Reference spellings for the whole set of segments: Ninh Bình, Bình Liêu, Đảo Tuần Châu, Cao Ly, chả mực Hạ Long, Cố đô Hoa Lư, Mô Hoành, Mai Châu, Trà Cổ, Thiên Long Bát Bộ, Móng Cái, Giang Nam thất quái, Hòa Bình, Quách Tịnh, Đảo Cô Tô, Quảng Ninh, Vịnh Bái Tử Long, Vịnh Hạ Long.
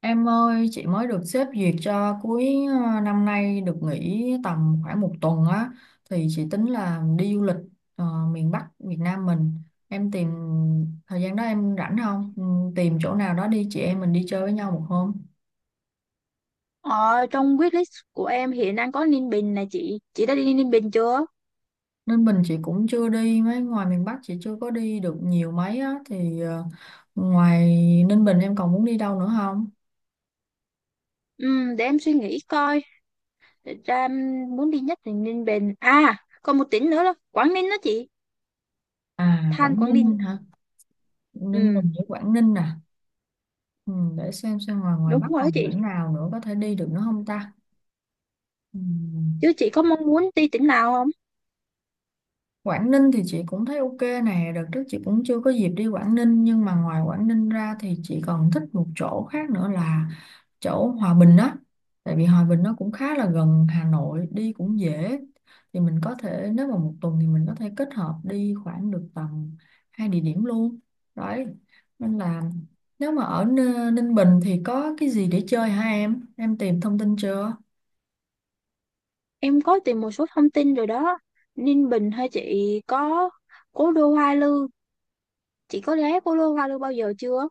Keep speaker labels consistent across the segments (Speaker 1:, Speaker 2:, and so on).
Speaker 1: Em ơi, chị mới được sếp duyệt cho cuối năm nay được nghỉ tầm khoảng một tuần á, thì chị tính là đi du lịch ờ, miền Bắc Việt Nam mình. Em tìm thời gian đó em rảnh không? Ừ. Tìm chỗ nào đó đi chị em mình đi chơi với nhau một hôm.
Speaker 2: Ờ, Trong wishlist của em hiện đang có Ninh Bình nè chị. Chị đã đi Ninh Bình chưa?
Speaker 1: Nên bình chị cũng chưa đi mấy ngoài miền Bắc, chị chưa có đi được nhiều mấy á thì ngoài Ninh Bình em còn muốn đi đâu nữa không?
Speaker 2: Ừ, để em suy nghĩ coi. Thật ra em muốn đi nhất là Ninh Bình. À, còn một tỉnh nữa là Quảng Ninh đó chị.
Speaker 1: À,
Speaker 2: Than
Speaker 1: Quảng
Speaker 2: Quảng Ninh.
Speaker 1: Ninh hả? Ninh
Speaker 2: Ừ,
Speaker 1: Bình với Quảng Ninh nè. Ừ, để xem ngoài ngoài
Speaker 2: đúng
Speaker 1: Bắc
Speaker 2: rồi đó
Speaker 1: còn
Speaker 2: chị.
Speaker 1: tỉnh nào nữa có thể đi được nữa không ta? Ừ.
Speaker 2: Chứ chị có mong muốn đi tỉnh nào không?
Speaker 1: Quảng Ninh thì chị cũng thấy ok nè, đợt trước chị cũng chưa có dịp đi Quảng Ninh, nhưng mà ngoài Quảng Ninh ra thì chị còn thích một chỗ khác nữa là chỗ Hòa Bình á. Tại vì Hòa Bình nó cũng khá là gần Hà Nội, đi cũng dễ. Thì mình có thể, nếu mà một tuần thì mình có thể kết hợp đi khoảng được tầm hai địa điểm luôn. Đấy. Nên là nếu mà ở Ninh Bình thì có cái gì để chơi hả em? Em tìm thông tin chưa?
Speaker 2: Em có tìm một số thông tin rồi đó. Ninh Bình hay chị có Cố đô Hoa Lư. Chị có ghé Cố đô Hoa Lư bao giờ chưa?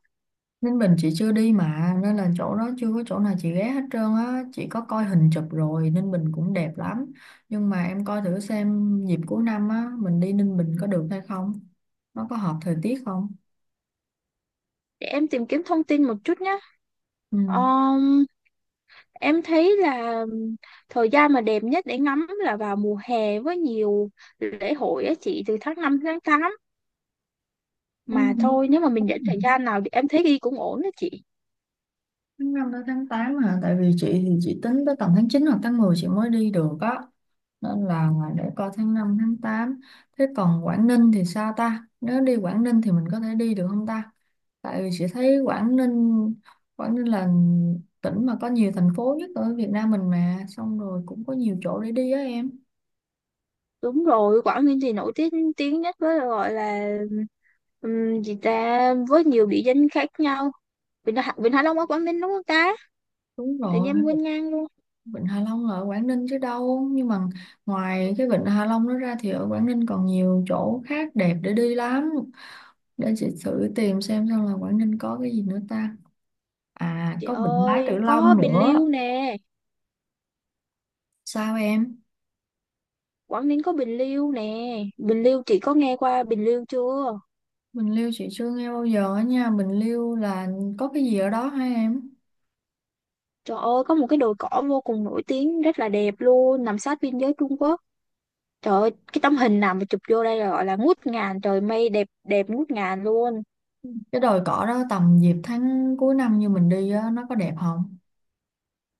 Speaker 1: Ninh Bình chị chưa đi mà, nên là chỗ đó chưa có chỗ nào chị ghé hết trơn á, chị có coi hình chụp rồi, Ninh Bình cũng đẹp lắm, nhưng mà em coi thử xem dịp cuối năm á mình đi Ninh Bình có được hay không, nó có hợp thời tiết không.
Speaker 2: Để em tìm kiếm thông tin một chút nhé. Ờ, Em thấy là thời gian mà đẹp nhất để ngắm là vào mùa hè với nhiều lễ hội á chị, từ tháng 5 đến tháng tám,
Speaker 1: Ừ.
Speaker 2: mà thôi nếu mà mình dẫn thời gian nào thì em thấy đi cũng ổn đó chị.
Speaker 1: Tháng 5 tới tháng 8 hả? Tại vì chị thì chị tính tới tầm tháng 9 hoặc tháng 10 chị mới đi được á. Nên là để coi tháng 5 tháng tám. Thế còn Quảng Ninh thì sao ta? Nếu đi Quảng Ninh thì mình có thể đi được không ta? Tại vì chị thấy Quảng Ninh là tỉnh mà có nhiều thành phố nhất ở Việt Nam mình mà. Xong rồi cũng có nhiều chỗ để đi á em.
Speaker 2: Đúng rồi, Quảng Ninh thì nổi tiếng tiếng nhất với gọi là gì ta, với nhiều địa danh khác nhau. Vịnh Hạ Long ở Quảng Ninh đúng không ta?
Speaker 1: Đúng
Speaker 2: Tự nhiên
Speaker 1: rồi,
Speaker 2: em quên ngang luôn.
Speaker 1: Vịnh Hạ Long là ở Quảng Ninh chứ đâu. Nhưng mà ngoài cái Vịnh Hạ Long đó ra thì ở Quảng Ninh còn nhiều chỗ khác đẹp để đi lắm. Để chị thử tìm xem là Quảng Ninh có cái gì nữa ta. À,
Speaker 2: Chị
Speaker 1: có Vịnh Bái
Speaker 2: ơi,
Speaker 1: Tử
Speaker 2: có
Speaker 1: Long
Speaker 2: Bình
Speaker 1: nữa.
Speaker 2: Liêu nè,
Speaker 1: Sao em?
Speaker 2: Quảng Ninh có Bình Liêu nè. Bình Liêu chị có nghe qua Bình Liêu chưa?
Speaker 1: Bình Liêu chị chưa nghe bao giờ á nha, Bình Liêu là có cái gì ở đó hả em?
Speaker 2: Trời ơi, có một cái đồi cỏ vô cùng nổi tiếng, rất là đẹp luôn, nằm sát biên giới Trung Quốc. Trời ơi, cái tấm hình nào mà chụp vô đây là gọi là ngút ngàn, trời mây đẹp đẹp ngút ngàn luôn.
Speaker 1: Cái đồi cỏ đó tầm dịp tháng cuối năm như mình đi á nó có đẹp không?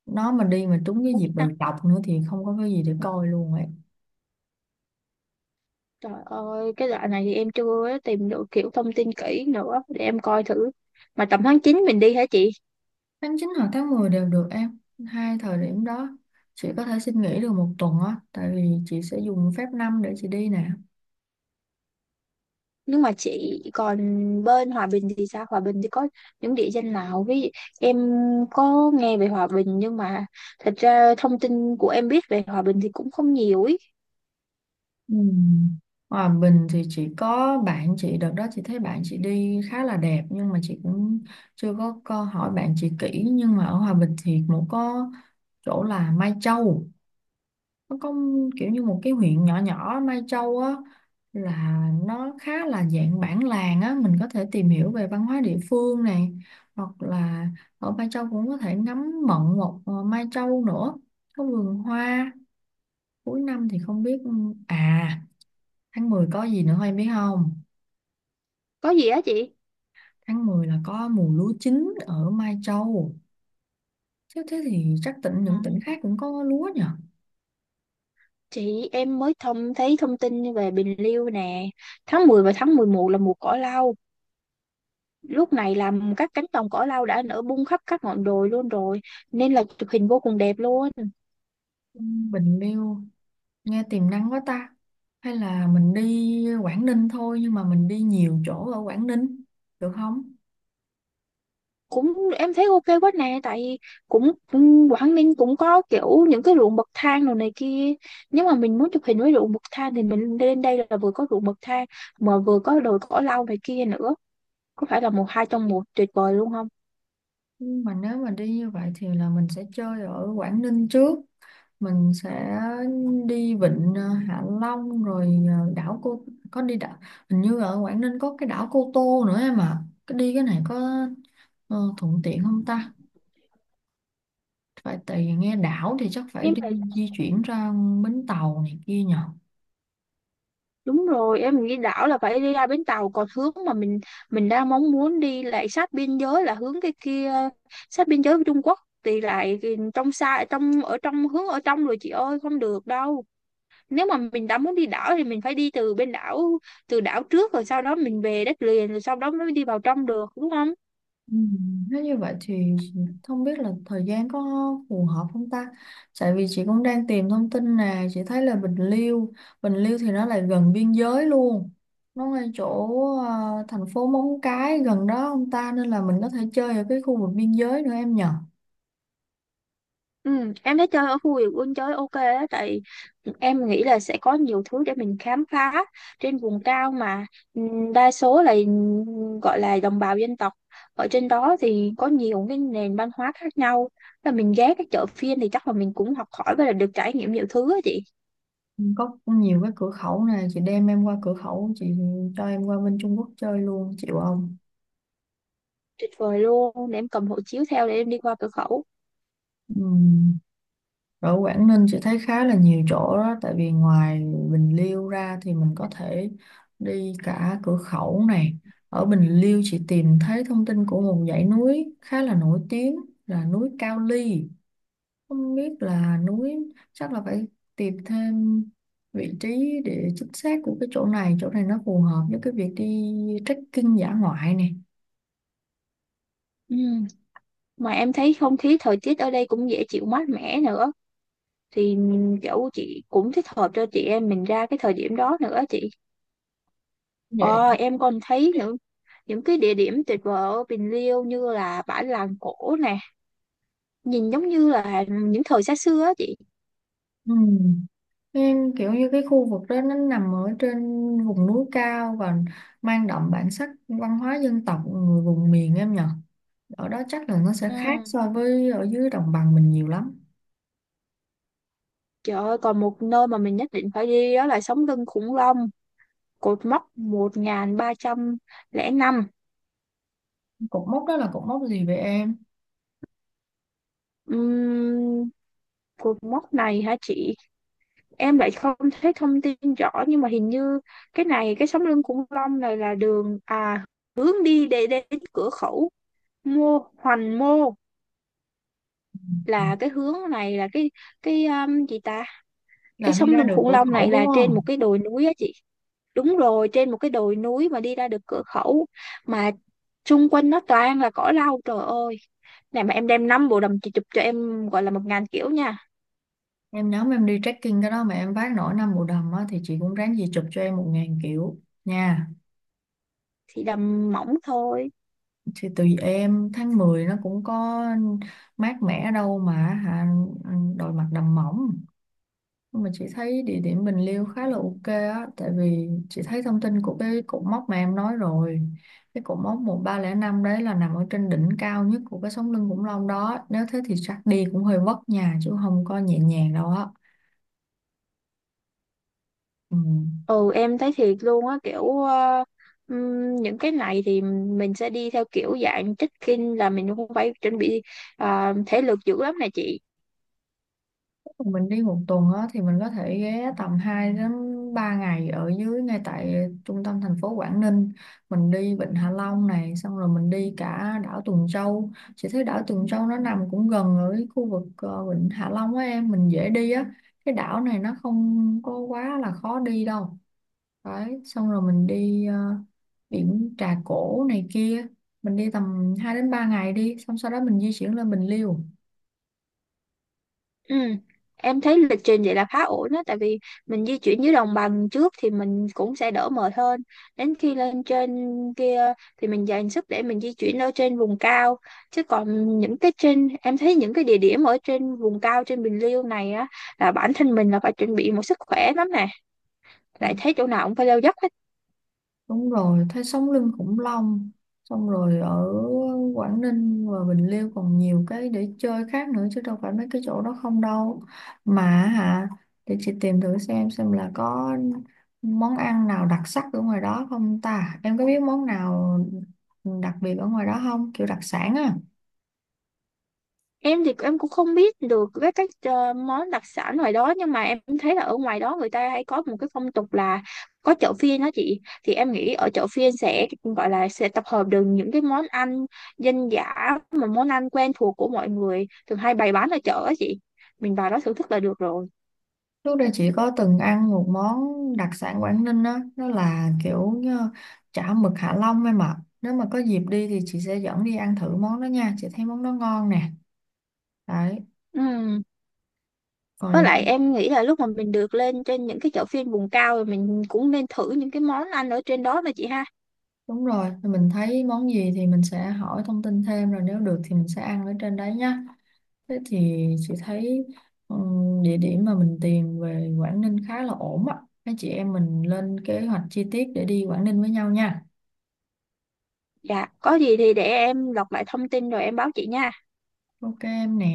Speaker 1: Nó mà đi mà trúng cái
Speaker 2: Không
Speaker 1: dịp
Speaker 2: biết nào.
Speaker 1: đồi trọc nữa thì không có cái gì để coi luôn ấy.
Speaker 2: Trời ơi, cái đoạn này thì em chưa tìm được kiểu thông tin kỹ nữa để em coi thử. Mà tầm tháng chín mình đi hả chị?
Speaker 1: Tháng 9 hoặc tháng 10 đều được em, hai thời điểm đó chị có thể xin nghỉ được một tuần á, tại vì chị sẽ dùng phép năm để chị đi nè.
Speaker 2: Nhưng mà chị còn bên Hòa Bình thì sao? Hòa Bình thì có những địa danh nào? Với em có nghe về Hòa Bình nhưng mà thật ra thông tin của em biết về Hòa Bình thì cũng không nhiều ý.
Speaker 1: Ừ. Hòa Bình thì chỉ có bạn chị đợt đó chị thấy bạn chị đi khá là đẹp, nhưng mà chị cũng chưa có câu hỏi bạn chị kỹ, nhưng mà ở Hòa Bình thì cũng có chỗ là Mai Châu, nó có kiểu như một cái huyện nhỏ nhỏ Mai Châu á, là nó khá là dạng bản làng á, mình có thể tìm hiểu về văn hóa địa phương này, hoặc là ở Mai Châu cũng có thể ngắm mận một Mai Châu nữa có vườn hoa cuối năm thì không biết. À, tháng 10 có gì nữa em biết không?
Speaker 2: Có gì á chị?
Speaker 1: Tháng 10 là có mùa lúa chín ở Mai Châu. Chứ thế thì chắc những tỉnh khác cũng có lúa nhỉ?
Speaker 2: Chị em mới thông thấy thông tin về Bình Liêu nè, tháng 10 và tháng 11 là mùa cỏ lau. Lúc này là các cánh đồng cỏ lau đã nở bung khắp các ngọn đồi luôn rồi, nên là chụp hình vô cùng đẹp luôn.
Speaker 1: Ừ, Bình Liêu nghe tiềm năng quá ta. Hay là mình đi Quảng Ninh thôi nhưng mà mình đi nhiều chỗ ở Quảng Ninh được không?
Speaker 2: Cũng em thấy ok quá nè, tại cũng cũng Quảng Ninh cũng có kiểu những cái ruộng bậc thang đồ này kia. Nếu mà mình muốn chụp hình với ruộng bậc thang thì mình lên đây là vừa có ruộng bậc thang mà vừa có đồi cỏ lau này kia nữa. Có phải là một hai trong một tuyệt vời luôn không?
Speaker 1: Nhưng mà nếu mà đi như vậy thì là mình sẽ chơi ở Quảng Ninh trước. Mình sẽ đi vịnh Hạ Long rồi đảo cô có đi đảo, hình như ở Quảng Ninh có cái đảo Cô Tô nữa em à. Cái này có thuận tiện không ta? Phải, tại vì nghe đảo thì chắc phải
Speaker 2: Em
Speaker 1: đi
Speaker 2: thấy.
Speaker 1: di chuyển ra bến tàu này kia nhỉ.
Speaker 2: Đúng rồi, em nghĩ đảo là phải đi ra bến tàu, còn hướng mà mình đang mong muốn đi lại sát biên giới là hướng cái kia, sát biên giới với Trung Quốc thì lại trong xa, trong ở trong, hướng ở trong rồi chị ơi, không được đâu. Nếu mà mình đã muốn đi đảo thì mình phải đi từ bên đảo, từ đảo trước rồi sau đó mình về đất liền, rồi sau đó mới đi vào trong được đúng không?
Speaker 1: Ừ, nếu như vậy thì không biết là thời gian có phù hợp không ta? Tại vì chị cũng đang tìm thông tin nè, chị thấy là Bình Liêu thì nó lại gần biên giới luôn. Nó ngay chỗ thành phố Móng Cái gần đó không ta, nên là mình có thể chơi ở cái khu vực biên giới nữa em nhờ.
Speaker 2: Ừ, em thấy chơi ở khu vườn quân chơi ok á, tại em nghĩ là sẽ có nhiều thứ để mình khám phá trên vùng cao mà. Ừ, đa số là gọi là đồng bào dân tộc ở trên đó thì có nhiều cái nền văn hóa khác nhau, là mình ghé cái chợ phiên thì chắc là mình cũng học hỏi và là được trải nghiệm nhiều thứ á chị.
Speaker 1: Ừ, có nhiều cái cửa khẩu nè, chị đem em qua cửa khẩu, chị cho em qua bên Trung Quốc chơi luôn, chịu không?
Speaker 2: Tuyệt vời luôn, để em cầm hộ chiếu theo để em đi qua cửa khẩu.
Speaker 1: Ừ. Ở Quảng Ninh chị thấy khá là nhiều chỗ đó, tại vì ngoài Bình Liêu ra thì mình có thể đi cả Cửa Khẩu này. Ở Bình Liêu chị tìm thấy thông tin của một dãy núi khá là nổi tiếng là núi Cao Ly. Không biết là núi, chắc là phải tìm thêm vị trí để chính xác của cái chỗ này nó phù hợp với cái việc đi trekking dã ngoại này.
Speaker 2: Ừ. Mà em thấy không khí thời tiết ở đây cũng dễ chịu, mát mẻ nữa, thì kiểu chị cũng thích hợp cho chị em mình ra cái thời điểm đó nữa chị.
Speaker 1: Vậy.
Speaker 2: Ờ, em còn thấy những cái địa điểm tuyệt vời ở Bình Liêu như là bãi làng cổ nè, nhìn giống như là những thời xa xưa á chị.
Speaker 1: Ừ. Nên kiểu như cái khu vực đó nó nằm ở trên vùng núi cao và mang đậm bản sắc văn hóa dân tộc người vùng miền em nhở. Ở đó chắc là nó sẽ
Speaker 2: Ừ.
Speaker 1: khác so với ở dưới đồng bằng mình nhiều lắm.
Speaker 2: Trời ơi, còn một nơi mà mình nhất định phải đi đó là sống lưng khủng long, cột mốc 1305.
Speaker 1: Cột mốc đó là cột mốc gì vậy em?
Speaker 2: Ừm, Cột mốc này hả chị? Em lại không thấy thông tin rõ nhưng mà hình như cái này, cái sống lưng khủng long này là đường, à, hướng đi để đến cửa khẩu Mô Hoành Mô. Là cái hướng này là cái gì ta, cái
Speaker 1: Là đi
Speaker 2: sống
Speaker 1: ra
Speaker 2: lưng
Speaker 1: được
Speaker 2: khủng
Speaker 1: cửa
Speaker 2: long này
Speaker 1: khẩu đúng
Speaker 2: là trên một
Speaker 1: không?
Speaker 2: cái đồi núi á chị, đúng rồi, trên một cái đồi núi mà đi ra được cửa khẩu, mà xung quanh nó toàn là cỏ lau. Trời ơi, này mà em đem 5 bộ đầm chị chụp cho em gọi là 1000 kiểu nha.
Speaker 1: Nhóm em đi trekking cái đó mà em vác nổi năm bộ đầm á, thì chị cũng ráng gì chụp cho em 1.000 kiểu nha.
Speaker 2: Thì đầm mỏng thôi.
Speaker 1: Thì tùy em, tháng 10 nó cũng có mát mẻ đâu mà hả, đội mặt đầm mỏng. Nhưng mà chị thấy địa điểm Bình Liêu khá là ok á, tại vì chị thấy thông tin của cái cột mốc mà em nói rồi, cái cột mốc 1305 đấy là nằm ở trên đỉnh cao nhất của cái sống lưng khủng long đó, nếu thế thì chắc đi cũng hơi vất nhà chứ không có nhẹ nhàng đâu á. Ừ.
Speaker 2: Ừ, em thấy thiệt luôn á, kiểu những cái này thì mình sẽ đi theo kiểu dạng check-in, là mình không phải chuẩn bị thể lực dữ lắm này chị.
Speaker 1: Mình đi một tuần á, thì mình có thể ghé tầm 2 đến 3 ngày ở dưới ngay tại trung tâm thành phố Quảng Ninh, mình đi Vịnh Hạ Long này xong rồi mình đi cả đảo Tuần Châu, chị thấy đảo Tuần Châu nó nằm cũng gần ở cái khu vực Vịnh Hạ Long á em, mình dễ đi á, cái đảo này nó không có quá là khó đi đâu. Đấy, xong rồi mình đi biển Trà Cổ này kia, mình đi tầm 2 đến 3 ngày đi xong sau đó mình di chuyển lên Bình Liêu.
Speaker 2: Ừ. Em thấy lịch trình vậy là khá ổn đó, tại vì mình di chuyển dưới đồng bằng trước thì mình cũng sẽ đỡ mệt hơn, đến khi lên trên kia thì mình dành sức để mình di chuyển ở trên vùng cao. Chứ còn những cái trên, em thấy những cái địa điểm ở trên vùng cao trên Bình Liêu này á, là bản thân mình là phải chuẩn bị một sức khỏe lắm nè, lại thấy chỗ nào cũng phải leo dốc hết.
Speaker 1: Đúng rồi, thấy sống lưng khủng long, xong rồi ở Quảng Ninh và Bình Liêu còn nhiều cái để chơi khác nữa chứ đâu phải mấy cái chỗ đó không đâu mà, hả? Để chị tìm thử xem là có món ăn nào đặc sắc ở ngoài đó không ta, em có biết món nào đặc biệt ở ngoài đó không, kiểu đặc sản á?
Speaker 2: Em thì em cũng không biết được với các món đặc sản ngoài đó, nhưng mà em thấy là ở ngoài đó người ta hay có một cái phong tục là có chợ phiên đó chị, thì em nghĩ ở chợ phiên sẽ gọi là sẽ tập hợp được những cái món ăn dân dã, mà món ăn quen thuộc của mọi người thường hay bày bán ở chợ á chị, mình vào đó thưởng thức là được rồi.
Speaker 1: Trước đây chị có từng ăn một món đặc sản Quảng Ninh á, nó là kiểu chả mực Hạ Long em ạ. Nếu mà có dịp đi thì chị sẽ dẫn đi ăn thử món đó nha, chị thấy món đó ngon nè. Đấy,
Speaker 2: Ừ.
Speaker 1: còn
Speaker 2: Với lại
Speaker 1: ra-
Speaker 2: em nghĩ là lúc mà mình được lên trên những cái chợ phiên vùng cao rồi, mình cũng nên thử những cái món ăn ở trên đó mà chị ha.
Speaker 1: đúng rồi, mình thấy món gì thì mình sẽ hỏi thông tin thêm rồi nếu được thì mình sẽ ăn ở trên đấy nhá. Thế thì chị thấy địa điểm mà mình tìm về Quảng Ninh khá là ổn á. Mấy chị em mình lên kế hoạch chi tiết để đi Quảng Ninh với nhau nha.
Speaker 2: Dạ, có gì thì để em lọc lại thông tin rồi em báo chị nha.
Speaker 1: Ok em nè.